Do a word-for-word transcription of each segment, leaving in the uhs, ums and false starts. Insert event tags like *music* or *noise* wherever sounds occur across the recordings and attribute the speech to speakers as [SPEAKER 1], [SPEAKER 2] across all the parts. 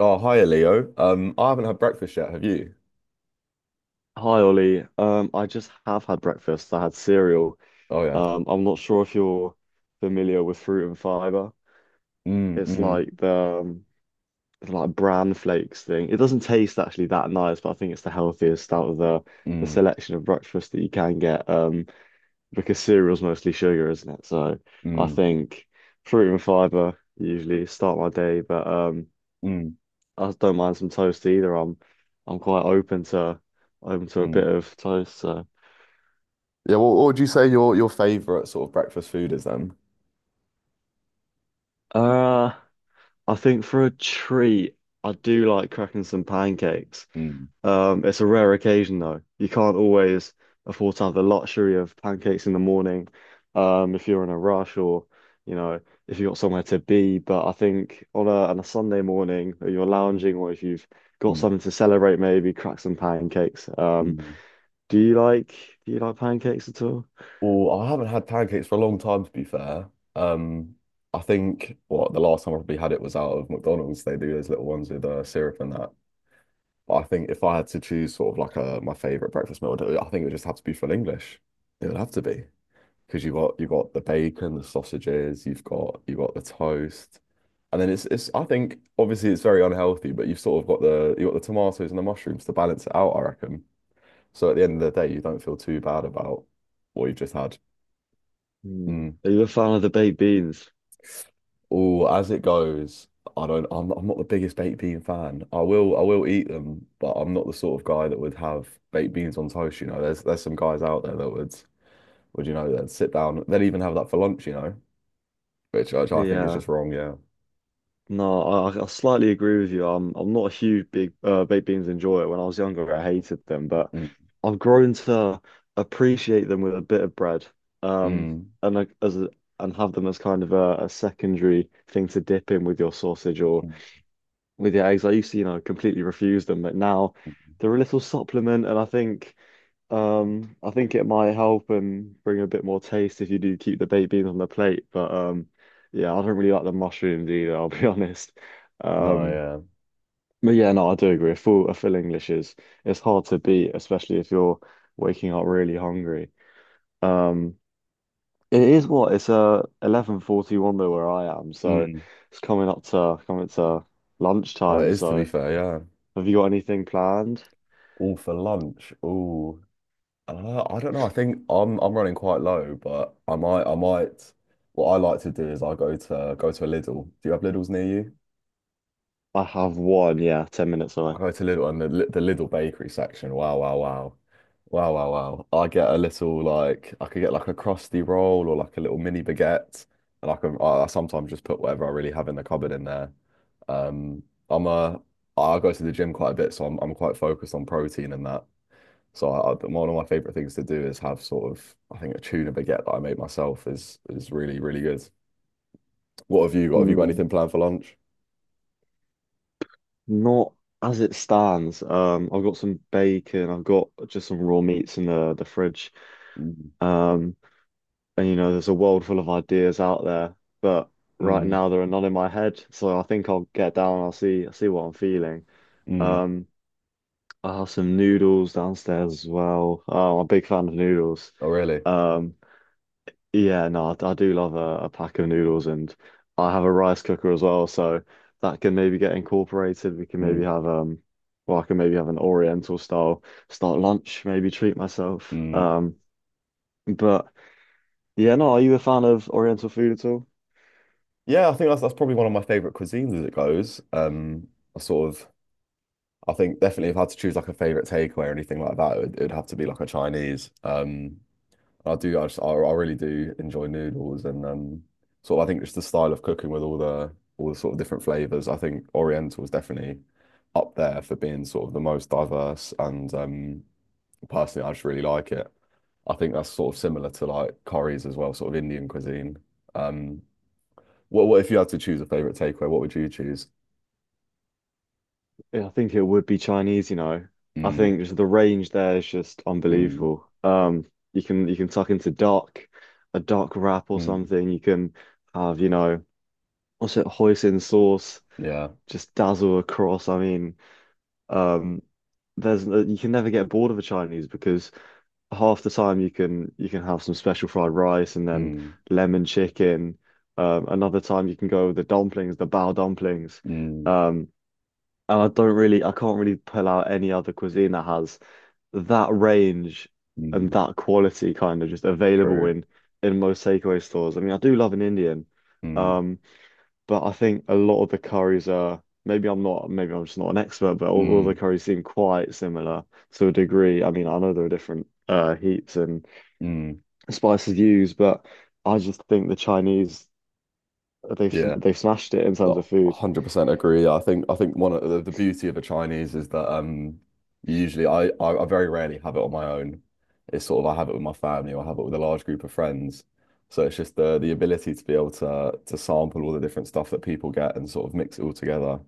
[SPEAKER 1] Oh, hiya, Leo. Um, I haven't had breakfast yet, have you?
[SPEAKER 2] Hi Ollie. Um, I just have had breakfast. I had cereal.
[SPEAKER 1] Oh yeah.
[SPEAKER 2] Um, I'm not sure if you're familiar with fruit and fiber.
[SPEAKER 1] Mm,
[SPEAKER 2] It's
[SPEAKER 1] mm,
[SPEAKER 2] like the um, it's like bran flakes thing. It doesn't taste actually that nice, but I think it's the healthiest out of the the
[SPEAKER 1] mm,
[SPEAKER 2] selection of breakfast that you can get. Um, because cereal's mostly sugar, isn't it? So I
[SPEAKER 1] mm,
[SPEAKER 2] think fruit and fiber usually start my day, but um,
[SPEAKER 1] mm,
[SPEAKER 2] I don't mind some toast either. I'm I'm quite open to open to a
[SPEAKER 1] mm.
[SPEAKER 2] bit of toast. So.
[SPEAKER 1] Yeah, well, what would you say your your favorite sort of breakfast food is then?
[SPEAKER 2] Uh, I think for a treat, I do like cracking some pancakes.
[SPEAKER 1] Mm,
[SPEAKER 2] Um, it's a rare occasion though. You can't always afford to have the luxury of pancakes in the morning, um, if you're in a rush or, you know, if you've got somewhere to be. But I think on a on a Sunday morning, or you're lounging, or if you've got
[SPEAKER 1] mm,
[SPEAKER 2] something to celebrate, maybe crack some pancakes. Um,
[SPEAKER 1] mm.
[SPEAKER 2] do you like do you like pancakes at all?
[SPEAKER 1] Well, I haven't had pancakes for a long time, to be fair. Um, I think what the last time I probably had it was out of McDonald's. They do those little ones with uh, syrup and that. But I think if I had to choose sort of like a my favorite breakfast meal, I think it would just have to be full English. It would have to be, because you've got you've got the bacon, the sausages, you've got you've got the toast, and then it's it's I think obviously it's very unhealthy, but you've sort of got the you've got the tomatoes and the mushrooms to balance it out, I reckon. So at the end of the day, you don't feel too bad about what you've just had.
[SPEAKER 2] Hmm.
[SPEAKER 1] Mm.
[SPEAKER 2] Are you a fan of the baked beans?
[SPEAKER 1] Oh, as it goes, I don't I'm not, I'm not the biggest baked bean fan. I will I will eat them, but I'm not the sort of guy that would have baked beans on toast, you know. There's there's some guys out there that would would you know, that sit down, they'd even have that for lunch, you know, which, which I think is
[SPEAKER 2] Yeah.
[SPEAKER 1] just wrong, yeah.
[SPEAKER 2] No, I, I slightly agree with you. I'm I'm not a huge big uh, baked beans enjoyer. When I was younger, I hated them, but
[SPEAKER 1] Mm.
[SPEAKER 2] I've grown to appreciate them with a bit of bread, um,
[SPEAKER 1] Mm,
[SPEAKER 2] and like as a, and have them as kind of a, a secondary thing to dip in with your sausage or
[SPEAKER 1] mm.
[SPEAKER 2] with your eggs. I used to, you know, completely refuse them, but now they're a little supplement, and I think. Um, I think it might help and bring a bit more taste if you do keep the baked beans on the plate. But um, yeah, I don't really like the mushrooms either, I'll be *laughs* honest.
[SPEAKER 1] No,
[SPEAKER 2] Um,
[SPEAKER 1] yeah.
[SPEAKER 2] but yeah, no, I do agree. A full, a full English is it's hard to beat, especially if you're waking up really hungry. Um, it is what it's uh eleven forty-one though where I am, so
[SPEAKER 1] Mm.
[SPEAKER 2] it's coming up to coming to
[SPEAKER 1] Oh, it
[SPEAKER 2] lunchtime.
[SPEAKER 1] is to be
[SPEAKER 2] So
[SPEAKER 1] fair, yeah.
[SPEAKER 2] have you got anything planned?
[SPEAKER 1] All for lunch. Ooh. Uh, I don't know. I think I'm I'm running quite low, but I might I might what I like to do is I go to go to a Lidl. Do you have Lidls near you?
[SPEAKER 2] I have one, yeah, ten minutes
[SPEAKER 1] I
[SPEAKER 2] away.
[SPEAKER 1] go to Lidl and the, Li- the Lidl bakery section. Wow, wow, wow. Wow, wow, wow. I get a little like I could get like a crusty roll or like a little mini baguette. And I can I I sometimes just put whatever I really have in the cupboard in there. Um I'm a I go to the gym quite a bit, so I'm I'm quite focused on protein and that. So I, I, one of my favorite things to do is have sort of I think a tuna baguette that I make myself is is really, really good. What have you got? Have you got
[SPEAKER 2] Hmm.
[SPEAKER 1] anything planned for lunch?
[SPEAKER 2] Not as it stands. Um, I've got some bacon. I've got just some raw meats in the the fridge.
[SPEAKER 1] Mm,
[SPEAKER 2] Um, and you know, there's a world full of ideas out there, but right
[SPEAKER 1] mm,
[SPEAKER 2] now there are none in my head. So I think I'll get down. I'll see. I'll see what I'm feeling.
[SPEAKER 1] mm.
[SPEAKER 2] Um, I have some noodles downstairs as well. Uh, I'm a big fan of noodles.
[SPEAKER 1] Oh really?
[SPEAKER 2] Um, yeah, no, I, I do love a, a pack of noodles, and I have a rice cooker as well, so that can maybe get incorporated. We can maybe
[SPEAKER 1] Mm,
[SPEAKER 2] have um, well, I can maybe have an Oriental style start lunch, maybe treat myself.
[SPEAKER 1] mm.
[SPEAKER 2] Um, but yeah, no, are you a fan of Oriental food at all?
[SPEAKER 1] Yeah, I think that's that's probably one of my favorite cuisines as it goes. Um, I sort of, I think definitely if I had to choose like a favorite takeaway or anything like that, it would, it'd have to be like a Chinese. Um, I do, I, just, I, I really do enjoy noodles and um, sort of I think just the style of cooking with all the all the sort of different flavors. I think Oriental is definitely up there for being sort of the most diverse and um, personally, I just really like it. I think that's sort of similar to like curries as well, sort of Indian cuisine. Um, what, what if you had to choose a favorite takeaway? What would you choose?
[SPEAKER 2] Yeah, I think it would be Chinese, you know. I
[SPEAKER 1] Mm,
[SPEAKER 2] think just the range there is just
[SPEAKER 1] mm,
[SPEAKER 2] unbelievable. Um, you can you can tuck into dark, a dark wrap or
[SPEAKER 1] mm,
[SPEAKER 2] something. You can have, you know, what's it, hoisin sauce.
[SPEAKER 1] yeah.
[SPEAKER 2] Just dazzle across. I mean, um, there's uh, you can never get bored of a Chinese because half the time you can you can have some special fried rice and then
[SPEAKER 1] Mm,
[SPEAKER 2] lemon chicken. Um, another time you can go with the dumplings, the bao dumplings.
[SPEAKER 1] mm,
[SPEAKER 2] Um, and I don't really, I can't really pull out any other cuisine that has that range and
[SPEAKER 1] mm,
[SPEAKER 2] that quality kind of just available
[SPEAKER 1] true.
[SPEAKER 2] in in most takeaway stores. I mean, I do love an Indian.
[SPEAKER 1] Mm,
[SPEAKER 2] Um, but I think a lot of the curries are maybe I'm not maybe I'm just not an expert, but all, all the
[SPEAKER 1] mm,
[SPEAKER 2] curries seem quite similar to a degree. I mean, I know there are different uh, heats and
[SPEAKER 1] mm,
[SPEAKER 2] spices used, but I just think the Chinese they've
[SPEAKER 1] yeah.
[SPEAKER 2] they've smashed it in terms of
[SPEAKER 1] No,
[SPEAKER 2] food.
[SPEAKER 1] one hundred percent agree. I think I think one of the, the beauty of a Chinese is that um usually I, I I very rarely have it on my own. It's sort of I have it with my family or I have it with a large group of friends. So it's just the the ability to be able to to sample all the different stuff that people get and sort of mix it all together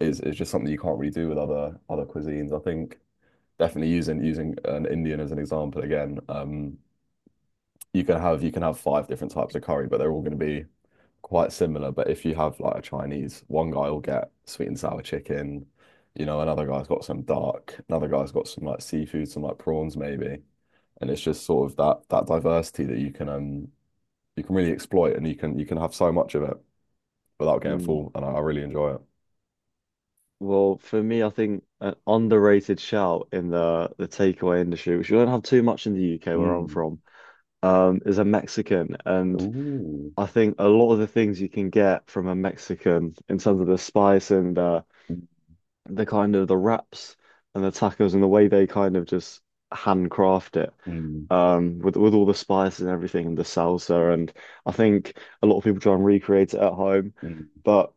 [SPEAKER 1] is is just something you can't really do with other other cuisines. I think definitely using using an Indian as an example again, um, you can have you can have five different types of curry, but they're all going to be quite similar. But if you have like a Chinese, one guy will get sweet and sour chicken, you know, another guy's got some dark, another guy's got some like seafood, some like prawns maybe, and it's just sort of that that diversity that you can um you can really exploit and you can you can have so much of it without getting
[SPEAKER 2] Hmm.
[SPEAKER 1] full, and I, I really enjoy it.
[SPEAKER 2] Well, for me, I think an underrated shout in the the takeaway industry, which we don't have too much in the U K where I'm
[SPEAKER 1] Mm.
[SPEAKER 2] from, um, is a Mexican. And
[SPEAKER 1] Ooh.
[SPEAKER 2] I think a lot of the things you can get from a Mexican in terms of the spice and uh, the kind of the wraps and the tacos and the way they kind of just handcraft it,
[SPEAKER 1] Mm.
[SPEAKER 2] um, with with all the spices and everything and the salsa. And I think a lot of people try and recreate it at home,
[SPEAKER 1] Mm,
[SPEAKER 2] but.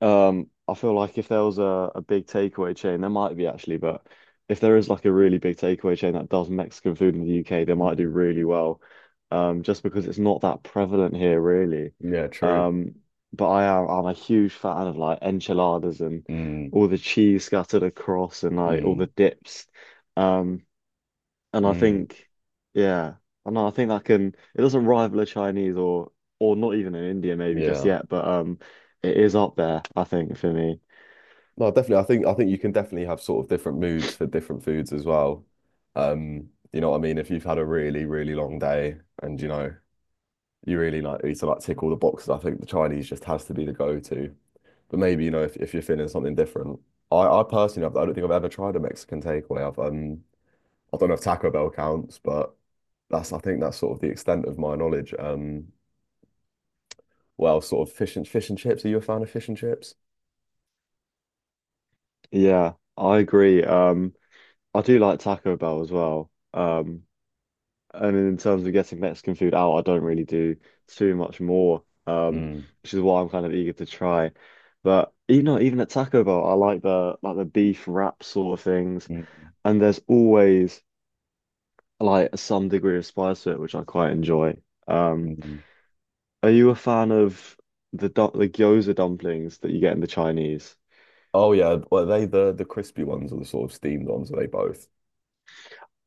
[SPEAKER 2] Um, I feel like if there was a, a big takeaway chain, there might be actually, but if there is like a really big takeaway chain that does Mexican food in the U K, they
[SPEAKER 1] mm.
[SPEAKER 2] might do
[SPEAKER 1] mm.
[SPEAKER 2] really well. Um, just because it's not that prevalent here, really.
[SPEAKER 1] Yeah, true.
[SPEAKER 2] Um, but I am I'm a huge fan of like enchiladas and
[SPEAKER 1] Mm,
[SPEAKER 2] all the cheese scattered across and like all
[SPEAKER 1] mm,
[SPEAKER 2] the dips. Um, and I
[SPEAKER 1] mm.
[SPEAKER 2] think, yeah, I know. I think that can. It doesn't rival a Chinese or or not even in India maybe just
[SPEAKER 1] Yeah.
[SPEAKER 2] yet, but um, it is up there. I think for me.
[SPEAKER 1] No, definitely. I think I think you can definitely have sort of different moods for different foods as well. Um, you know what I mean? If you've had a really, really long day and you know, you really like need to like tick all the boxes, I think the Chinese just has to be the go-to. But maybe, you know, if, if you're feeling something different. I, I personally I've, I don't think I've ever tried a Mexican takeaway. I've um I don't know if Taco Bell counts, but that's I think that's sort of the extent of my knowledge. Um well, sort of fish and fish and chips. Are you a fan of fish and chips?
[SPEAKER 2] Yeah, I agree. Um, I do like Taco Bell as well. Um, and in terms of getting Mexican food out, I don't really do too much more. Um,
[SPEAKER 1] Mm,
[SPEAKER 2] which is why I'm kind of eager to try. But you know, even at Taco Bell, I like the like the beef wrap sort of things.
[SPEAKER 1] mm,
[SPEAKER 2] And there's always like some degree of spice to it, which I quite enjoy. Um,
[SPEAKER 1] mm,
[SPEAKER 2] are you a fan of the du- the gyoza dumplings that you get in the Chinese?
[SPEAKER 1] Oh yeah, well, are they the the crispy ones or the sort of steamed ones? Are they both?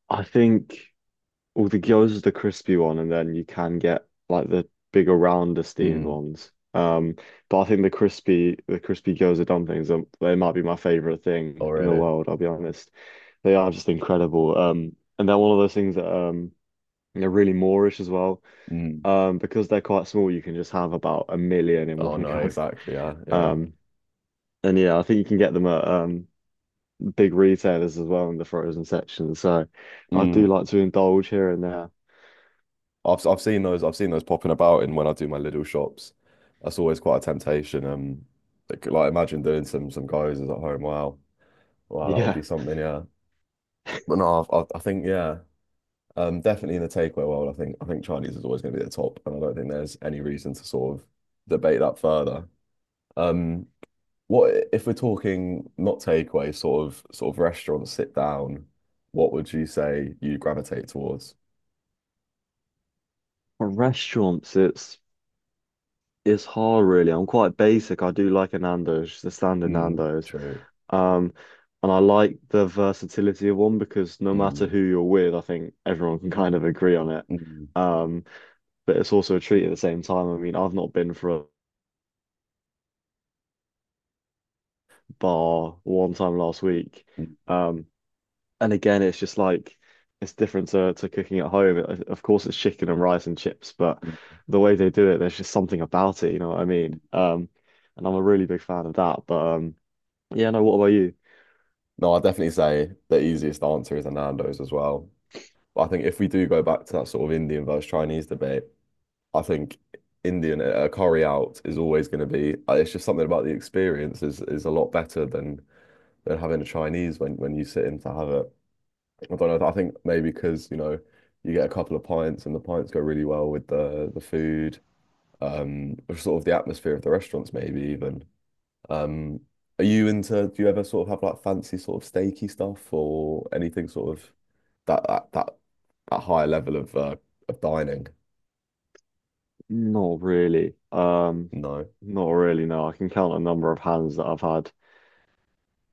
[SPEAKER 2] I think well, the gyoza is the crispy one, and then you can get like the bigger, rounder steamed
[SPEAKER 1] mm,
[SPEAKER 2] ones. Um, but I think the crispy the crispy gyoza dumplings are, they might be my favorite thing
[SPEAKER 1] Oh
[SPEAKER 2] in the
[SPEAKER 1] really?
[SPEAKER 2] world, I'll be honest. They are just incredible. Um, and they're one of those things that um they're really Moorish as well.
[SPEAKER 1] mm.
[SPEAKER 2] Um, because they're quite small, you can just have about a million in
[SPEAKER 1] Oh
[SPEAKER 2] one *laughs*
[SPEAKER 1] no,
[SPEAKER 2] go.
[SPEAKER 1] exactly. Yeah, yeah.
[SPEAKER 2] Um, and yeah, I think you can get them at um, big retailers as well in the frozen section. So I do
[SPEAKER 1] Mm.
[SPEAKER 2] like to indulge here and there.
[SPEAKER 1] I've I've seen those. I've seen those popping about, and when I do my little shops, that's always quite a temptation. Um, like, like imagine doing some some guys at home. Wow, wow, that would
[SPEAKER 2] Yeah,
[SPEAKER 1] be something. Yeah, but no, I've, I I think yeah. Um, definitely in the takeaway world, I think I think Chinese is always going to be at the top, and I don't think there's any reason to sort of debate that further. Um, what if we're talking not takeaway, sort of sort of restaurant sit down? What would you say you gravitate towards?
[SPEAKER 2] for restaurants, it's it's hard really. I'm quite basic. I do like a Nando's, the standard
[SPEAKER 1] Mm,
[SPEAKER 2] Nando's.
[SPEAKER 1] true.
[SPEAKER 2] Um, and I like the versatility of one because no matter
[SPEAKER 1] Mm,
[SPEAKER 2] who you're with, I think everyone can kind of agree on it.
[SPEAKER 1] mm,
[SPEAKER 2] Um, but it's also a treat at the same time. I mean, I've not been for a bar one time last week.
[SPEAKER 1] mm,
[SPEAKER 2] Um, and again, it's just like it's different to, to cooking at home. It- Of course, it's chicken and rice and chips, but
[SPEAKER 1] mm.
[SPEAKER 2] the way they do it, there's just something about it. You know what I mean? Um, and I'm a really big fan of that. But um, yeah, no. What about you?
[SPEAKER 1] No, I definitely say the easiest answer is a Nando's as well. But I think if we do go back to that sort of Indian versus Chinese debate, I think Indian at a curry out is always going to be. uh, It's just something about the experience is is a lot better than than having a Chinese when when you sit in to have it. I don't know. I think maybe because you know you get a couple of pints and the pints go really well with the the food, um, or sort of the atmosphere of the restaurants maybe even. Um, are you into? Do you ever sort of have like fancy sort of steaky stuff or anything sort of that that that, that higher level of uh, of dining?
[SPEAKER 2] Not really. Um,
[SPEAKER 1] No.
[SPEAKER 2] not really. No, I can count a number of hands that I've had.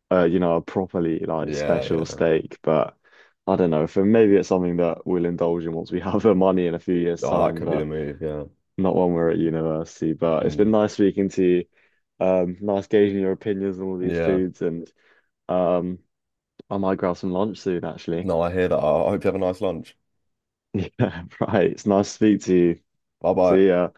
[SPEAKER 2] Uh, you know, a properly like
[SPEAKER 1] Yeah,
[SPEAKER 2] special
[SPEAKER 1] yeah.
[SPEAKER 2] steak, but I don't know. For maybe it's something that we'll indulge in once we *laughs* have the money in a few years'
[SPEAKER 1] Oh, that
[SPEAKER 2] time.
[SPEAKER 1] could be the
[SPEAKER 2] But
[SPEAKER 1] move. Yeah.
[SPEAKER 2] not when we're at university, but it's
[SPEAKER 1] Mm.
[SPEAKER 2] been nice speaking to you. Um, nice gauging your opinions on all these
[SPEAKER 1] Yeah.
[SPEAKER 2] foods, and um, I might grab some lunch soon, actually.
[SPEAKER 1] No, I
[SPEAKER 2] *laughs*
[SPEAKER 1] hear that. I I hope you have a nice lunch.
[SPEAKER 2] Yeah, right. It's nice to speak to you.
[SPEAKER 1] Bye bye.
[SPEAKER 2] See ya.